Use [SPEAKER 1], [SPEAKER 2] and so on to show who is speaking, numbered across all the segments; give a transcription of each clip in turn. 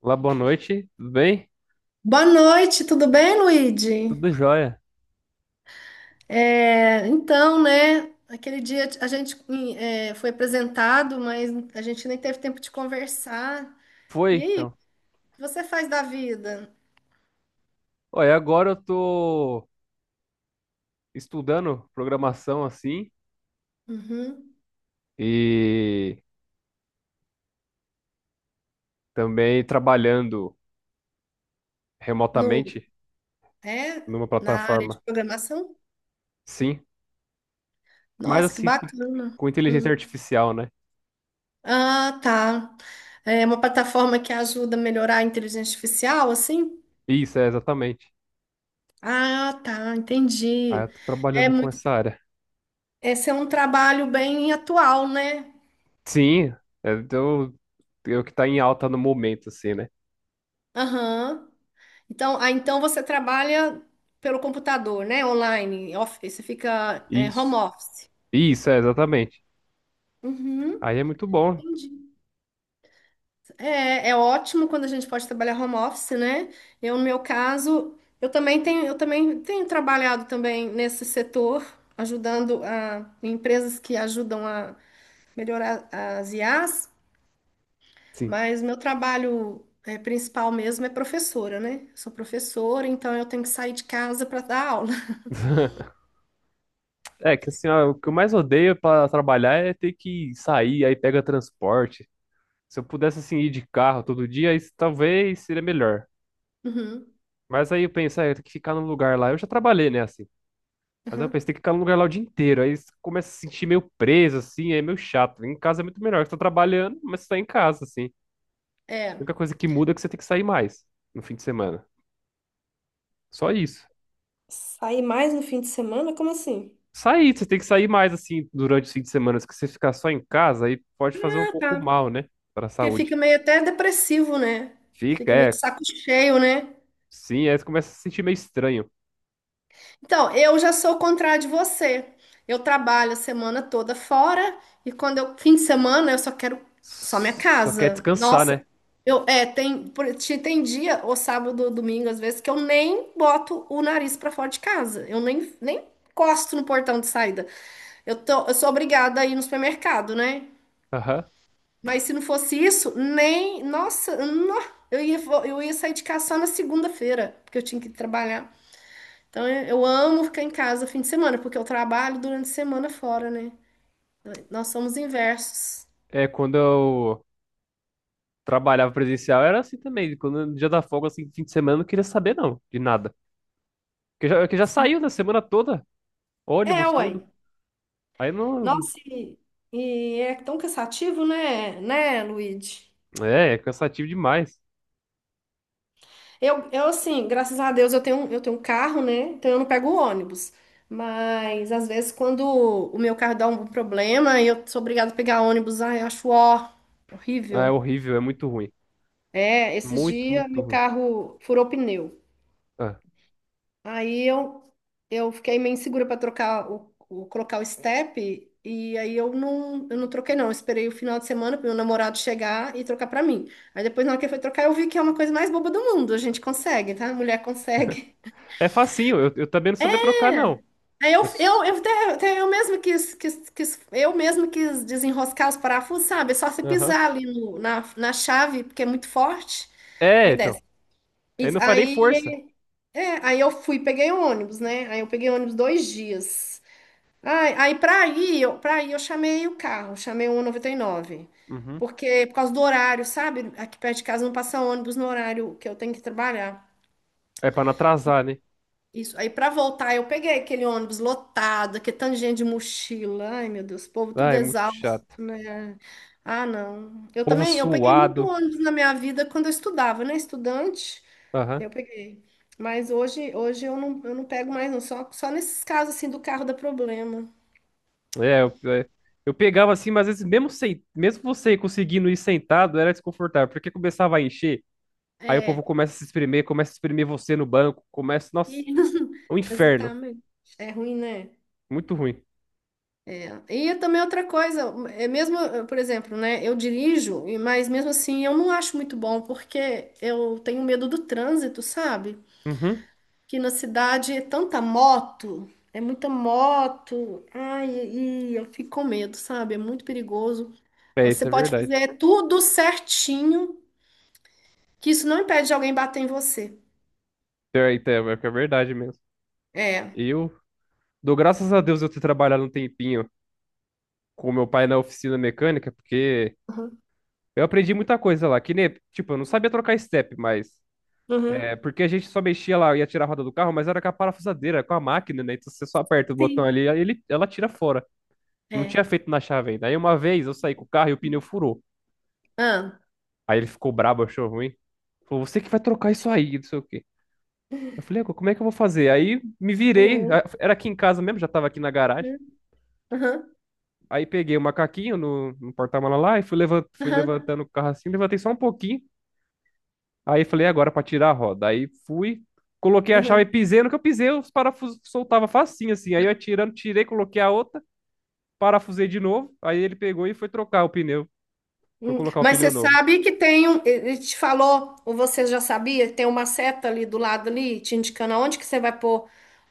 [SPEAKER 1] Olá, boa noite. Tudo bem?
[SPEAKER 2] Boa noite, tudo bem, Luigi?
[SPEAKER 1] Tudo jóia.
[SPEAKER 2] É, então, né? Aquele dia a gente foi apresentado, mas a gente nem teve tempo de conversar.
[SPEAKER 1] Foi,
[SPEAKER 2] E aí, o
[SPEAKER 1] então.
[SPEAKER 2] que você faz da vida?
[SPEAKER 1] Olha, agora eu tô estudando programação assim
[SPEAKER 2] Uhum.
[SPEAKER 1] e também trabalhando
[SPEAKER 2] No,
[SPEAKER 1] remotamente
[SPEAKER 2] é,
[SPEAKER 1] numa
[SPEAKER 2] Na área de
[SPEAKER 1] plataforma.
[SPEAKER 2] programação?
[SPEAKER 1] Sim, mas
[SPEAKER 2] Nossa, que
[SPEAKER 1] assim com
[SPEAKER 2] bacana.
[SPEAKER 1] com inteligência
[SPEAKER 2] Hum.
[SPEAKER 1] artificial, né?
[SPEAKER 2] Ah, tá. É uma plataforma que ajuda a melhorar a inteligência artificial, assim?
[SPEAKER 1] Isso, é exatamente.
[SPEAKER 2] Ah, tá,
[SPEAKER 1] Ah,
[SPEAKER 2] entendi.
[SPEAKER 1] eu tô
[SPEAKER 2] É
[SPEAKER 1] trabalhando com
[SPEAKER 2] muito,
[SPEAKER 1] essa área.
[SPEAKER 2] Esse é um trabalho bem atual, né?
[SPEAKER 1] Sim, é, eu que tá em alta no momento, assim, né?
[SPEAKER 2] Aham. Então você trabalha pelo computador, né? Online, você fica home
[SPEAKER 1] Isso.
[SPEAKER 2] office.
[SPEAKER 1] Isso, é exatamente.
[SPEAKER 2] Uhum.
[SPEAKER 1] Aí é muito bom.
[SPEAKER 2] Entendi. É ótimo quando a gente pode trabalhar home office, né? Eu, no meu caso, eu também tenho trabalhado também nesse setor, ajudando em empresas que ajudam a melhorar as IAs,
[SPEAKER 1] Sim.
[SPEAKER 2] mas meu trabalho principal mesmo é professora, né? Eu sou professora, então eu tenho que sair de casa para dar aula.
[SPEAKER 1] É que assim, ó, o que eu mais odeio pra trabalhar é ter que sair, aí pega transporte. Se eu pudesse assim ir de carro todo dia, isso talvez seria melhor.
[SPEAKER 2] Uhum.
[SPEAKER 1] Mas aí eu penso, ah, eu tenho que ficar num lugar lá. Eu já trabalhei, né, assim. Mas aí eu
[SPEAKER 2] Aham.
[SPEAKER 1] pensei, tem que ficar num lugar lá o dia inteiro. Aí você começa a se sentir meio preso, assim, aí é meio chato. Em casa é muito melhor, você tá trabalhando, mas você tá em casa, assim. A
[SPEAKER 2] É.
[SPEAKER 1] única coisa que muda é que você tem que sair mais no fim de semana. Só isso.
[SPEAKER 2] Sair mais no fim de semana? Como assim?
[SPEAKER 1] Sair, você tem que sair mais, assim, durante o fim de semana. Se você ficar só em casa, aí pode fazer um
[SPEAKER 2] Ah,
[SPEAKER 1] pouco
[SPEAKER 2] tá.
[SPEAKER 1] mal, né, para a
[SPEAKER 2] Porque
[SPEAKER 1] saúde.
[SPEAKER 2] fica meio até depressivo, né?
[SPEAKER 1] Fica,
[SPEAKER 2] Fica meio de
[SPEAKER 1] é.
[SPEAKER 2] saco cheio, né?
[SPEAKER 1] Sim, aí você começa a se sentir meio estranho.
[SPEAKER 2] Então, eu já sou o contrário de você. Eu trabalho a semana toda fora e quando eu fim de semana eu só quero só minha
[SPEAKER 1] Só quer
[SPEAKER 2] casa.
[SPEAKER 1] descansar,
[SPEAKER 2] Nossa,
[SPEAKER 1] né?
[SPEAKER 2] eu é, tem por- te- tem dia ou sábado ou domingo às vezes que eu nem boto o nariz pra fora de casa. Eu nem encosto no portão de saída. Eu sou obrigada a ir no supermercado, né?
[SPEAKER 1] Aham.
[SPEAKER 2] Mas se não fosse isso, nem. Nossa, nó, eu ia sair de casa só na segunda-feira, porque eu tinha que trabalhar. Então eu amo ficar em casa fim de semana, porque eu trabalho durante a semana fora, né? Nós somos inversos.
[SPEAKER 1] É, quando eu trabalhava presencial era assim também. Quando no dia da folga, assim, fim de semana, eu não queria saber, não, de nada. Porque já saiu na semana toda,
[SPEAKER 2] É,
[SPEAKER 1] ônibus,
[SPEAKER 2] ué.
[SPEAKER 1] tudo. Aí não.
[SPEAKER 2] Nossa, e é tão cansativo, né, Luigi?
[SPEAKER 1] É cansativo demais.
[SPEAKER 2] Eu, assim, graças a Deus eu tenho um carro, né? Então eu não pego o ônibus. Mas às vezes quando o meu carro dá um problema e eu sou obrigada a pegar ônibus, ai, eu acho, ó,
[SPEAKER 1] É
[SPEAKER 2] horrível.
[SPEAKER 1] horrível, é muito ruim.
[SPEAKER 2] É, esses
[SPEAKER 1] Muito,
[SPEAKER 2] dias
[SPEAKER 1] muito
[SPEAKER 2] meu
[SPEAKER 1] ruim.
[SPEAKER 2] carro furou pneu.
[SPEAKER 1] Ah.
[SPEAKER 2] Aí eu fiquei meio insegura para trocar o, colocar o step, e aí eu não troquei não. Eu esperei o final de semana para meu namorado chegar e trocar para mim. Aí depois na hora que ele foi trocar eu vi que é uma coisa mais boba do mundo. A gente consegue, tá? A mulher consegue.
[SPEAKER 1] É facinho, eu também não sabia trocar, não.
[SPEAKER 2] Aí eu,
[SPEAKER 1] Eu s-
[SPEAKER 2] eu, eu, até eu mesmo quis desenroscar os parafusos, sabe? É só você
[SPEAKER 1] Aham.
[SPEAKER 2] pisar ali na chave, porque é muito forte.
[SPEAKER 1] É,
[SPEAKER 2] Aí
[SPEAKER 1] então.
[SPEAKER 2] desce.
[SPEAKER 1] Aí
[SPEAKER 2] Isso.
[SPEAKER 1] não faz nem
[SPEAKER 2] Aí,
[SPEAKER 1] força.
[SPEAKER 2] é, aí eu fui, peguei o ônibus, né? Aí eu peguei o ônibus 2 dias. Ai, aí pra ir eu chamei o carro, chamei o 199.
[SPEAKER 1] Uhum.
[SPEAKER 2] Porque, por causa do horário, sabe? Aqui perto de casa não passa ônibus no horário que eu tenho que trabalhar.
[SPEAKER 1] É pra não atrasar, né?
[SPEAKER 2] Isso. Aí pra voltar, eu peguei aquele ônibus lotado, aquele tanto de gente de mochila. Ai, meu Deus, o povo
[SPEAKER 1] Ah,
[SPEAKER 2] tudo
[SPEAKER 1] é muito
[SPEAKER 2] exausto,
[SPEAKER 1] chato.
[SPEAKER 2] né? Ah, não. Eu
[SPEAKER 1] Povo
[SPEAKER 2] também, eu peguei muito
[SPEAKER 1] suado.
[SPEAKER 2] ônibus na minha vida quando eu estudava, né? Estudante,
[SPEAKER 1] Aham.
[SPEAKER 2] eu peguei. Mas hoje eu não pego mais, não. Só nesses casos assim do carro dá problema.
[SPEAKER 1] É, eu, é, eu pegava assim, mas às vezes, mesmo, sem, mesmo você conseguindo ir sentado, era desconfortável, porque começava a encher, aí o povo
[SPEAKER 2] É.
[SPEAKER 1] começa a se espremer, começa a espremer você no banco, começa. Nossa,
[SPEAKER 2] E-
[SPEAKER 1] é um inferno.
[SPEAKER 2] Exatamente. É ruim, né?
[SPEAKER 1] Muito ruim.
[SPEAKER 2] E também outra coisa, é mesmo, por exemplo, né, eu dirijo, mas mesmo assim eu não acho muito bom, porque eu tenho medo do trânsito, sabe?
[SPEAKER 1] Uhum.
[SPEAKER 2] Que na cidade é tanta moto, é muita moto, ai, e eu fico com medo, sabe? É muito perigoso.
[SPEAKER 1] É,
[SPEAKER 2] Você
[SPEAKER 1] isso é
[SPEAKER 2] pode
[SPEAKER 1] verdade.
[SPEAKER 2] fazer tudo certinho, que isso não impede de alguém bater em você.
[SPEAKER 1] É, então, é que é verdade mesmo.
[SPEAKER 2] É.
[SPEAKER 1] Eu dou graças a Deus eu ter trabalhado um tempinho com meu pai na oficina mecânica, porque
[SPEAKER 2] Uhum.
[SPEAKER 1] eu aprendi muita coisa lá, que nem, tipo, eu não sabia trocar step, mas. É,
[SPEAKER 2] Uhum.
[SPEAKER 1] porque a gente só mexia lá, ia tirar a roda do carro, mas era com a parafusadeira, com a máquina, né? Então você só aperta o botão
[SPEAKER 2] Sim.
[SPEAKER 1] ali, aí ele, ela tira fora. Não
[SPEAKER 2] É.
[SPEAKER 1] tinha feito na chave ainda. Aí uma vez eu saí com o carro e o pneu furou.
[SPEAKER 2] Ah.
[SPEAKER 1] Aí ele ficou brabo, achou ruim. Falou, você que vai trocar isso aí, não sei o quê. Eu falei, "Agora, como é que eu vou fazer? Aí me virei,
[SPEAKER 2] Uhum.
[SPEAKER 1] era aqui em casa mesmo, já tava aqui na garagem.
[SPEAKER 2] Uhum. Uhum.
[SPEAKER 1] Aí peguei o macaquinho no porta-mala lá e fui levantando o carro assim, levantei só um pouquinho. Aí falei, agora pra tirar a roda. Aí fui, coloquei a chave e
[SPEAKER 2] Uhum.
[SPEAKER 1] pisei no que eu pisei, os parafusos soltavam facinho assim. Aí eu tirei, coloquei a outra, parafusei de novo. Aí ele pegou e foi trocar o pneu. Foi colocar o
[SPEAKER 2] Mas você
[SPEAKER 1] pneu novo.
[SPEAKER 2] sabe que tem um, ele te falou, ou você já sabia, tem uma seta ali do lado ali, te indicando aonde que você vai pôr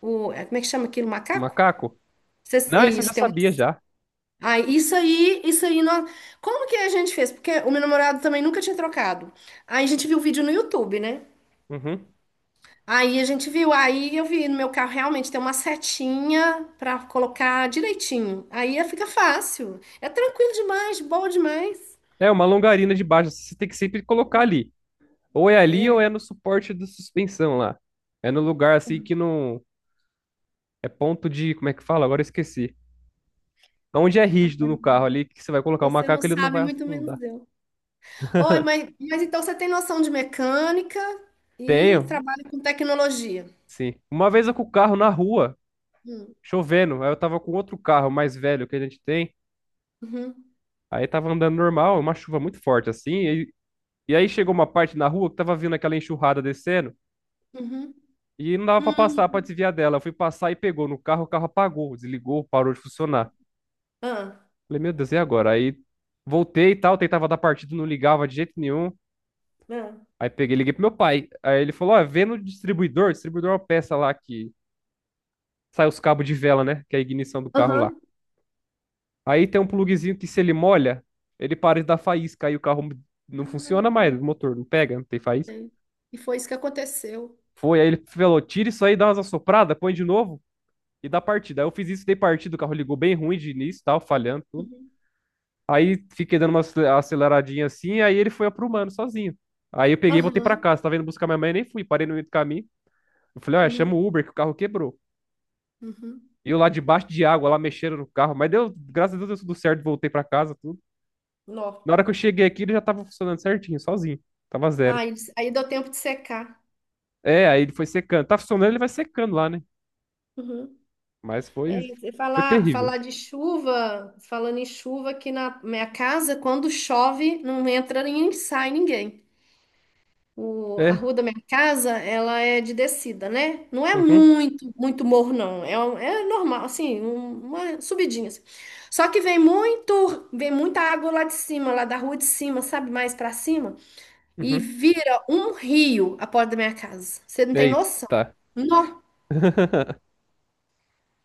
[SPEAKER 2] como é que chama aquilo, macaco?
[SPEAKER 1] Macaco? Não, isso eu já
[SPEAKER 2] Isso, tem um,
[SPEAKER 1] sabia já.
[SPEAKER 2] isso aí, como que a gente fez? Porque o meu namorado também nunca tinha trocado. Aí a gente viu o vídeo no YouTube, né?
[SPEAKER 1] Uhum.
[SPEAKER 2] Aí a gente viu, aí eu vi no meu carro realmente tem uma setinha pra colocar direitinho. Aí fica fácil, é tranquilo demais, boa demais.
[SPEAKER 1] É uma longarina de baixo, você tem que sempre colocar ali. Ou é ali ou
[SPEAKER 2] É,
[SPEAKER 1] é no suporte da suspensão lá. É no lugar assim que não. É ponto de. Como é que fala? Agora eu esqueci. Onde é rígido no carro ali, que você vai colocar o
[SPEAKER 2] você não
[SPEAKER 1] macaco, ele não
[SPEAKER 2] sabe,
[SPEAKER 1] vai
[SPEAKER 2] muito
[SPEAKER 1] afundar.
[SPEAKER 2] menos eu. Oi, mas então você tem noção de mecânica e
[SPEAKER 1] Tenho,
[SPEAKER 2] trabalha com tecnologia.
[SPEAKER 1] sim. Uma vez eu com o carro na rua,
[SPEAKER 2] Hum,
[SPEAKER 1] chovendo. Aí eu tava com outro carro mais velho que a gente tem.
[SPEAKER 2] Uhum,
[SPEAKER 1] Aí tava andando normal, uma chuva muito forte assim. E aí chegou uma parte na rua que tava vindo aquela enxurrada descendo.
[SPEAKER 2] uhum,
[SPEAKER 1] E não dava pra passar, pra
[SPEAKER 2] hum.
[SPEAKER 1] desviar dela. Eu fui passar e pegou no carro, o carro apagou, desligou, parou de funcionar.
[SPEAKER 2] Ah,
[SPEAKER 1] Falei, meu Deus, e agora? Aí voltei e tal, tentava dar partida, não ligava de jeito nenhum.
[SPEAKER 2] ah,
[SPEAKER 1] Aí peguei, e liguei pro meu pai. Aí ele falou: Ó, vê no distribuidor, distribuidor é uma peça lá que sai os cabos de vela, né? Que é a ignição do carro lá.
[SPEAKER 2] aham.
[SPEAKER 1] Aí tem um pluguezinho que se ele molha, ele para de dar faísca, aí o carro não funciona
[SPEAKER 2] Ah,
[SPEAKER 1] mais, o motor não pega, não tem faísca.
[SPEAKER 2] sei. E foi isso que aconteceu.
[SPEAKER 1] Foi, aí ele falou, tira isso aí, dá umas assopradas, põe de novo e dá partida. Aí eu fiz isso, dei partida, o carro ligou bem ruim de início, tal, falhando, tudo.
[SPEAKER 2] Uhum.
[SPEAKER 1] Aí fiquei dando uma aceleradinha assim, aí ele foi aprumando sozinho. Aí eu peguei e voltei pra
[SPEAKER 2] Aham.
[SPEAKER 1] casa, tava indo buscar minha mãe, nem fui, parei no meio do caminho. Eu falei, olha,
[SPEAKER 2] Uhum.
[SPEAKER 1] chama o Uber que o carro quebrou.
[SPEAKER 2] Uhum.
[SPEAKER 1] E eu lá debaixo de água, lá mexendo no carro, mas deu, graças a Deus deu tudo certo, voltei pra casa, tudo. Na
[SPEAKER 2] Nó.
[SPEAKER 1] hora que eu cheguei aqui, ele já tava funcionando certinho, sozinho. Tava zero.
[SPEAKER 2] Aí deu tempo de secar.
[SPEAKER 1] É, aí ele foi secando. Tá funcionando, ele vai secando lá, né?
[SPEAKER 2] Uhum.
[SPEAKER 1] Mas foi,
[SPEAKER 2] É, você
[SPEAKER 1] foi terrível.
[SPEAKER 2] falando em chuva, aqui na minha casa, quando chove, não entra nem sai ninguém. A
[SPEAKER 1] É.
[SPEAKER 2] rua da minha casa, ela é de descida, né? Não é
[SPEAKER 1] Uhum,
[SPEAKER 2] muito, muito morro, não. É, é normal, assim, uma subidinha assim. Só que vem muita água lá de cima, lá da rua de cima, sabe? Mais pra cima. E
[SPEAKER 1] uhum.
[SPEAKER 2] vira um rio a porta da minha casa. Você não tem noção.
[SPEAKER 1] Eita.
[SPEAKER 2] Nó,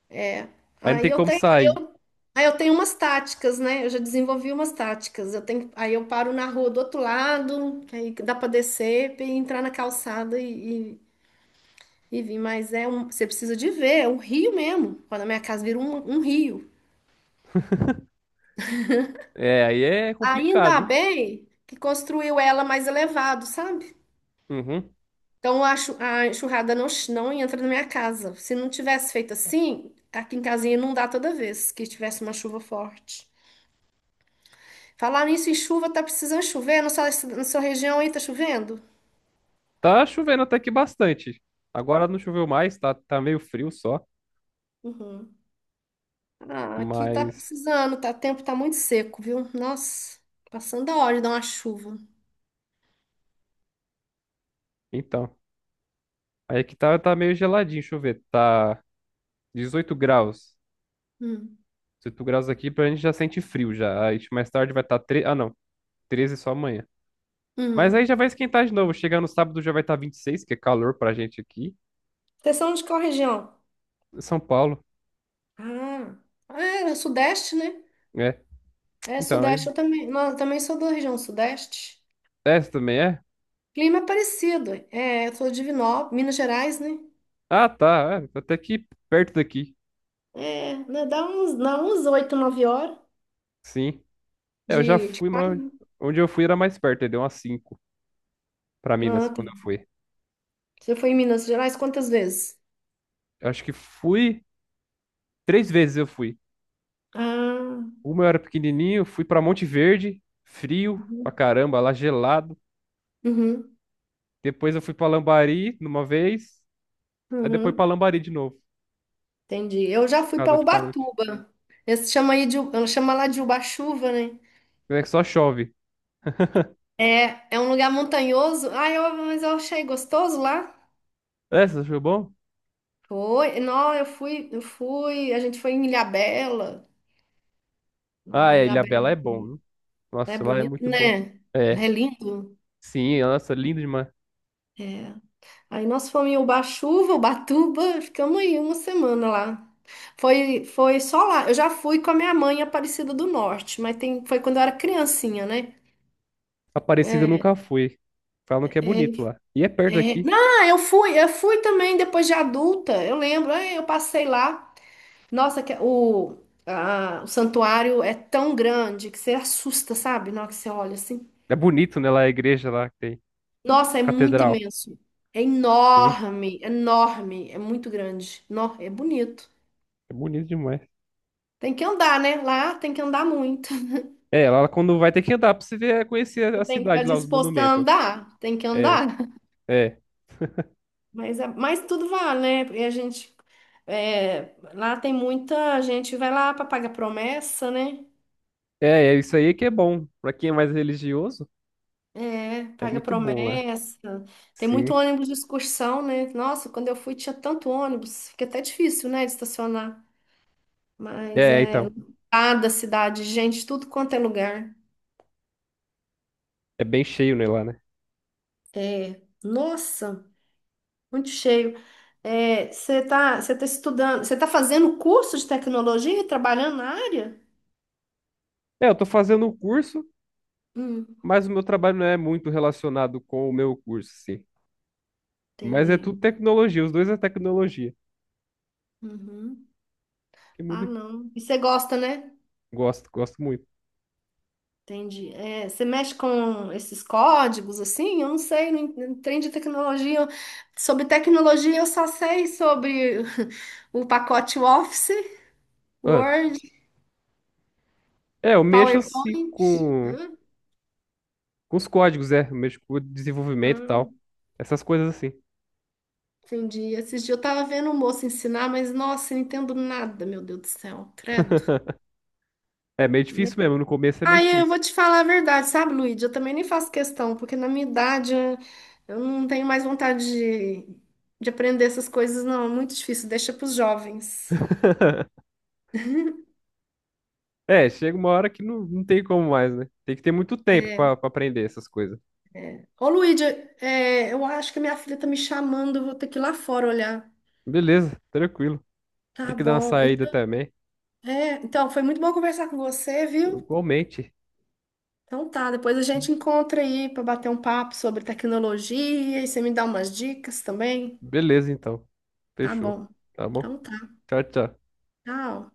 [SPEAKER 2] é.
[SPEAKER 1] Aí não
[SPEAKER 2] Aí
[SPEAKER 1] tem
[SPEAKER 2] eu
[SPEAKER 1] como
[SPEAKER 2] tenho,
[SPEAKER 1] sair.
[SPEAKER 2] aí eu tenho umas táticas, né? Eu já desenvolvi umas táticas. Eu tenho, aí eu paro na rua do outro lado, aí dá pra descer e entrar na calçada e, Vivi, mas você precisa de ver, é um rio mesmo. Quando a minha casa vira um rio.
[SPEAKER 1] É, aí é complicado,
[SPEAKER 2] Ainda
[SPEAKER 1] hein?
[SPEAKER 2] bem que construiu ela mais elevado, sabe?
[SPEAKER 1] Uhum.
[SPEAKER 2] Então a enxurrada não entra na minha casa. Se não tivesse feito assim, aqui em casinha não dá toda vez que tivesse uma chuva forte. Falar nisso em chuva, tá precisando chover? Na sua região aí tá chovendo?
[SPEAKER 1] Tá chovendo até que bastante. Agora não choveu mais, tá, tá, meio frio só.
[SPEAKER 2] Uhum. Ah, aqui tá
[SPEAKER 1] Mas,
[SPEAKER 2] precisando, o tempo tá muito seco, viu? Nossa, passando a hora de dar uma chuva.
[SPEAKER 1] então. Aí aqui tá meio geladinho, deixa eu ver. Tá 18 graus.
[SPEAKER 2] Hum,
[SPEAKER 1] 18 graus aqui pra gente já sente frio já. Aí mais tarde vai estar tá 3. Ah, não. 13 só amanhã. Mas
[SPEAKER 2] hum.
[SPEAKER 1] aí já vai esquentar de novo. Chegar no sábado já vai estar 26, que é calor pra gente aqui.
[SPEAKER 2] Vocês são de qual região?
[SPEAKER 1] São Paulo.
[SPEAKER 2] Ah, é Sudeste, né?
[SPEAKER 1] É.
[SPEAKER 2] É
[SPEAKER 1] Então, é.
[SPEAKER 2] Sudeste, eu também, não, eu também sou da região Sudeste.
[SPEAKER 1] Essa também é?
[SPEAKER 2] Clima é parecido, eu sou de Divinópolis, Minas Gerais, né?
[SPEAKER 1] Ah, tá. É, até aqui perto daqui.
[SPEAKER 2] É, né, dá uns 8, 9 horas
[SPEAKER 1] Sim. É, eu já
[SPEAKER 2] de
[SPEAKER 1] fui, mas
[SPEAKER 2] carro.
[SPEAKER 1] onde eu fui era mais perto. Aí deu umas 5 pra Minas
[SPEAKER 2] Ah, tá.
[SPEAKER 1] quando eu fui.
[SPEAKER 2] Você foi em Minas Gerais quantas vezes?
[SPEAKER 1] Eu acho que fui. Três vezes eu fui.
[SPEAKER 2] Ah,
[SPEAKER 1] Uma eu era pequenininho, fui pra Monte Verde, frio pra
[SPEAKER 2] uhum,
[SPEAKER 1] caramba, lá gelado.
[SPEAKER 2] uhum,
[SPEAKER 1] Depois eu fui pra Lambari numa vez. Aí depois pra
[SPEAKER 2] uhum,
[SPEAKER 1] Lambari de novo,
[SPEAKER 2] entendi. Eu já fui para
[SPEAKER 1] casa de parente.
[SPEAKER 2] Ubatuba. Esse chama aí chama lá de Ubachuva, né?
[SPEAKER 1] É que só chove.
[SPEAKER 2] É, é um lugar montanhoso. Ah, mas eu achei gostoso lá.
[SPEAKER 1] É, você achou bom?
[SPEAKER 2] Foi, não, eu fui, a gente foi em Ilhabela.
[SPEAKER 1] Ah,
[SPEAKER 2] Não,
[SPEAKER 1] é,
[SPEAKER 2] Ilhabela
[SPEAKER 1] Ilhabela é bom, viu?
[SPEAKER 2] é
[SPEAKER 1] Nossa, lá é
[SPEAKER 2] bonito,
[SPEAKER 1] muito bom.
[SPEAKER 2] né?
[SPEAKER 1] É,
[SPEAKER 2] É lindo.
[SPEAKER 1] sim, nossa, lindo demais.
[SPEAKER 2] É. Aí nós fomos em Ubatuba, Ubatuba, ficamos aí uma semana lá. Foi só lá. Eu já fui com a minha mãe em Aparecida do Norte, mas foi quando eu era criancinha, né?
[SPEAKER 1] Aparecida eu
[SPEAKER 2] É,
[SPEAKER 1] nunca fui. Falam que é
[SPEAKER 2] é,
[SPEAKER 1] bonito lá. E é perto
[SPEAKER 2] é.
[SPEAKER 1] daqui.
[SPEAKER 2] Não, eu fui também depois de adulta. Eu lembro, eu passei lá. Nossa, o santuário é tão grande que você assusta, sabe? Na hora que você olha assim.
[SPEAKER 1] É bonito, né? Lá a igreja lá que tem.
[SPEAKER 2] Nossa, é muito
[SPEAKER 1] Catedral.
[SPEAKER 2] imenso. É
[SPEAKER 1] Sim,
[SPEAKER 2] enorme, enorme, é muito grande. É bonito.
[SPEAKER 1] é bonito demais.
[SPEAKER 2] Tem que andar, né? Lá tem que andar muito.
[SPEAKER 1] É, lá quando vai ter que andar pra você ver, conhecer a
[SPEAKER 2] Você tem que estar
[SPEAKER 1] cidade lá, os
[SPEAKER 2] disposto a
[SPEAKER 1] monumentos.
[SPEAKER 2] andar, tem que
[SPEAKER 1] É,
[SPEAKER 2] andar.
[SPEAKER 1] é.
[SPEAKER 2] Mas tudo vale, né? Porque a gente. Lá tem muita gente, vai lá para pagar promessa, né?
[SPEAKER 1] É, é isso aí que é bom. Pra quem é mais religioso,
[SPEAKER 2] É,
[SPEAKER 1] é
[SPEAKER 2] paga
[SPEAKER 1] muito bom lá.
[SPEAKER 2] promessa. Tem muito
[SPEAKER 1] Sim.
[SPEAKER 2] ônibus de excursão, né? Nossa, quando eu fui tinha tanto ônibus, fica até difícil, né, de estacionar. Mas
[SPEAKER 1] É,
[SPEAKER 2] é
[SPEAKER 1] então.
[SPEAKER 2] lotada a cidade, gente, tudo quanto é lugar.
[SPEAKER 1] É bem cheio, né, lá, né?
[SPEAKER 2] É, nossa, muito cheio. É, você tá estudando, você tá fazendo curso de tecnologia e trabalhando na área?
[SPEAKER 1] É, eu tô fazendo um curso.
[SPEAKER 2] Hum,
[SPEAKER 1] Mas o meu trabalho não é muito relacionado com o meu curso, sim. Mas é
[SPEAKER 2] entendi.
[SPEAKER 1] tudo tecnologia, os dois é tecnologia.
[SPEAKER 2] Uhum.
[SPEAKER 1] Que
[SPEAKER 2] Ah,
[SPEAKER 1] mundo que-
[SPEAKER 2] não. E você gosta, né?
[SPEAKER 1] Gosto, gosto muito.
[SPEAKER 2] Entendi. É, você mexe com esses códigos assim? Eu não sei, não trem de tecnologia. Sobre tecnologia, eu só sei sobre o pacote Office,
[SPEAKER 1] Ah,
[SPEAKER 2] Word,
[SPEAKER 1] é, eu mexo assim
[SPEAKER 2] PowerPoint.
[SPEAKER 1] com,
[SPEAKER 2] Hum,
[SPEAKER 1] com os códigos, é. Eu mexo com o desenvolvimento e tal.
[SPEAKER 2] hum,
[SPEAKER 1] Essas coisas assim.
[SPEAKER 2] entendi. Esses dias eu tava vendo o moço ensinar, mas nossa, eu não entendo nada, meu Deus do céu, credo.
[SPEAKER 1] É meio difícil mesmo, no começo é meio
[SPEAKER 2] Aí eu
[SPEAKER 1] difícil.
[SPEAKER 2] vou te falar a verdade, sabe, Luíde? Eu também nem faço questão, porque na minha idade eu não tenho mais vontade de aprender essas coisas, não. É muito difícil, deixa para os jovens.
[SPEAKER 1] É, chega uma hora que não tem como mais, né? Tem que ter muito tempo
[SPEAKER 2] É.
[SPEAKER 1] pra aprender essas coisas.
[SPEAKER 2] Ô, Luíde, eu acho que minha filha tá me chamando, eu vou ter que ir lá fora olhar.
[SPEAKER 1] Beleza, tranquilo.
[SPEAKER 2] Tá
[SPEAKER 1] Tem que dar uma
[SPEAKER 2] bom.
[SPEAKER 1] saída
[SPEAKER 2] Então,
[SPEAKER 1] também.
[SPEAKER 2] é, então, foi muito bom conversar com você, viu?
[SPEAKER 1] Igualmente.
[SPEAKER 2] Então tá, depois a gente encontra aí para bater um papo sobre tecnologia e você me dá umas dicas também.
[SPEAKER 1] Beleza, então.
[SPEAKER 2] Tá
[SPEAKER 1] Fechou.
[SPEAKER 2] bom.
[SPEAKER 1] Tá bom?
[SPEAKER 2] Então tá.
[SPEAKER 1] Tchau, tchau.
[SPEAKER 2] Tchau.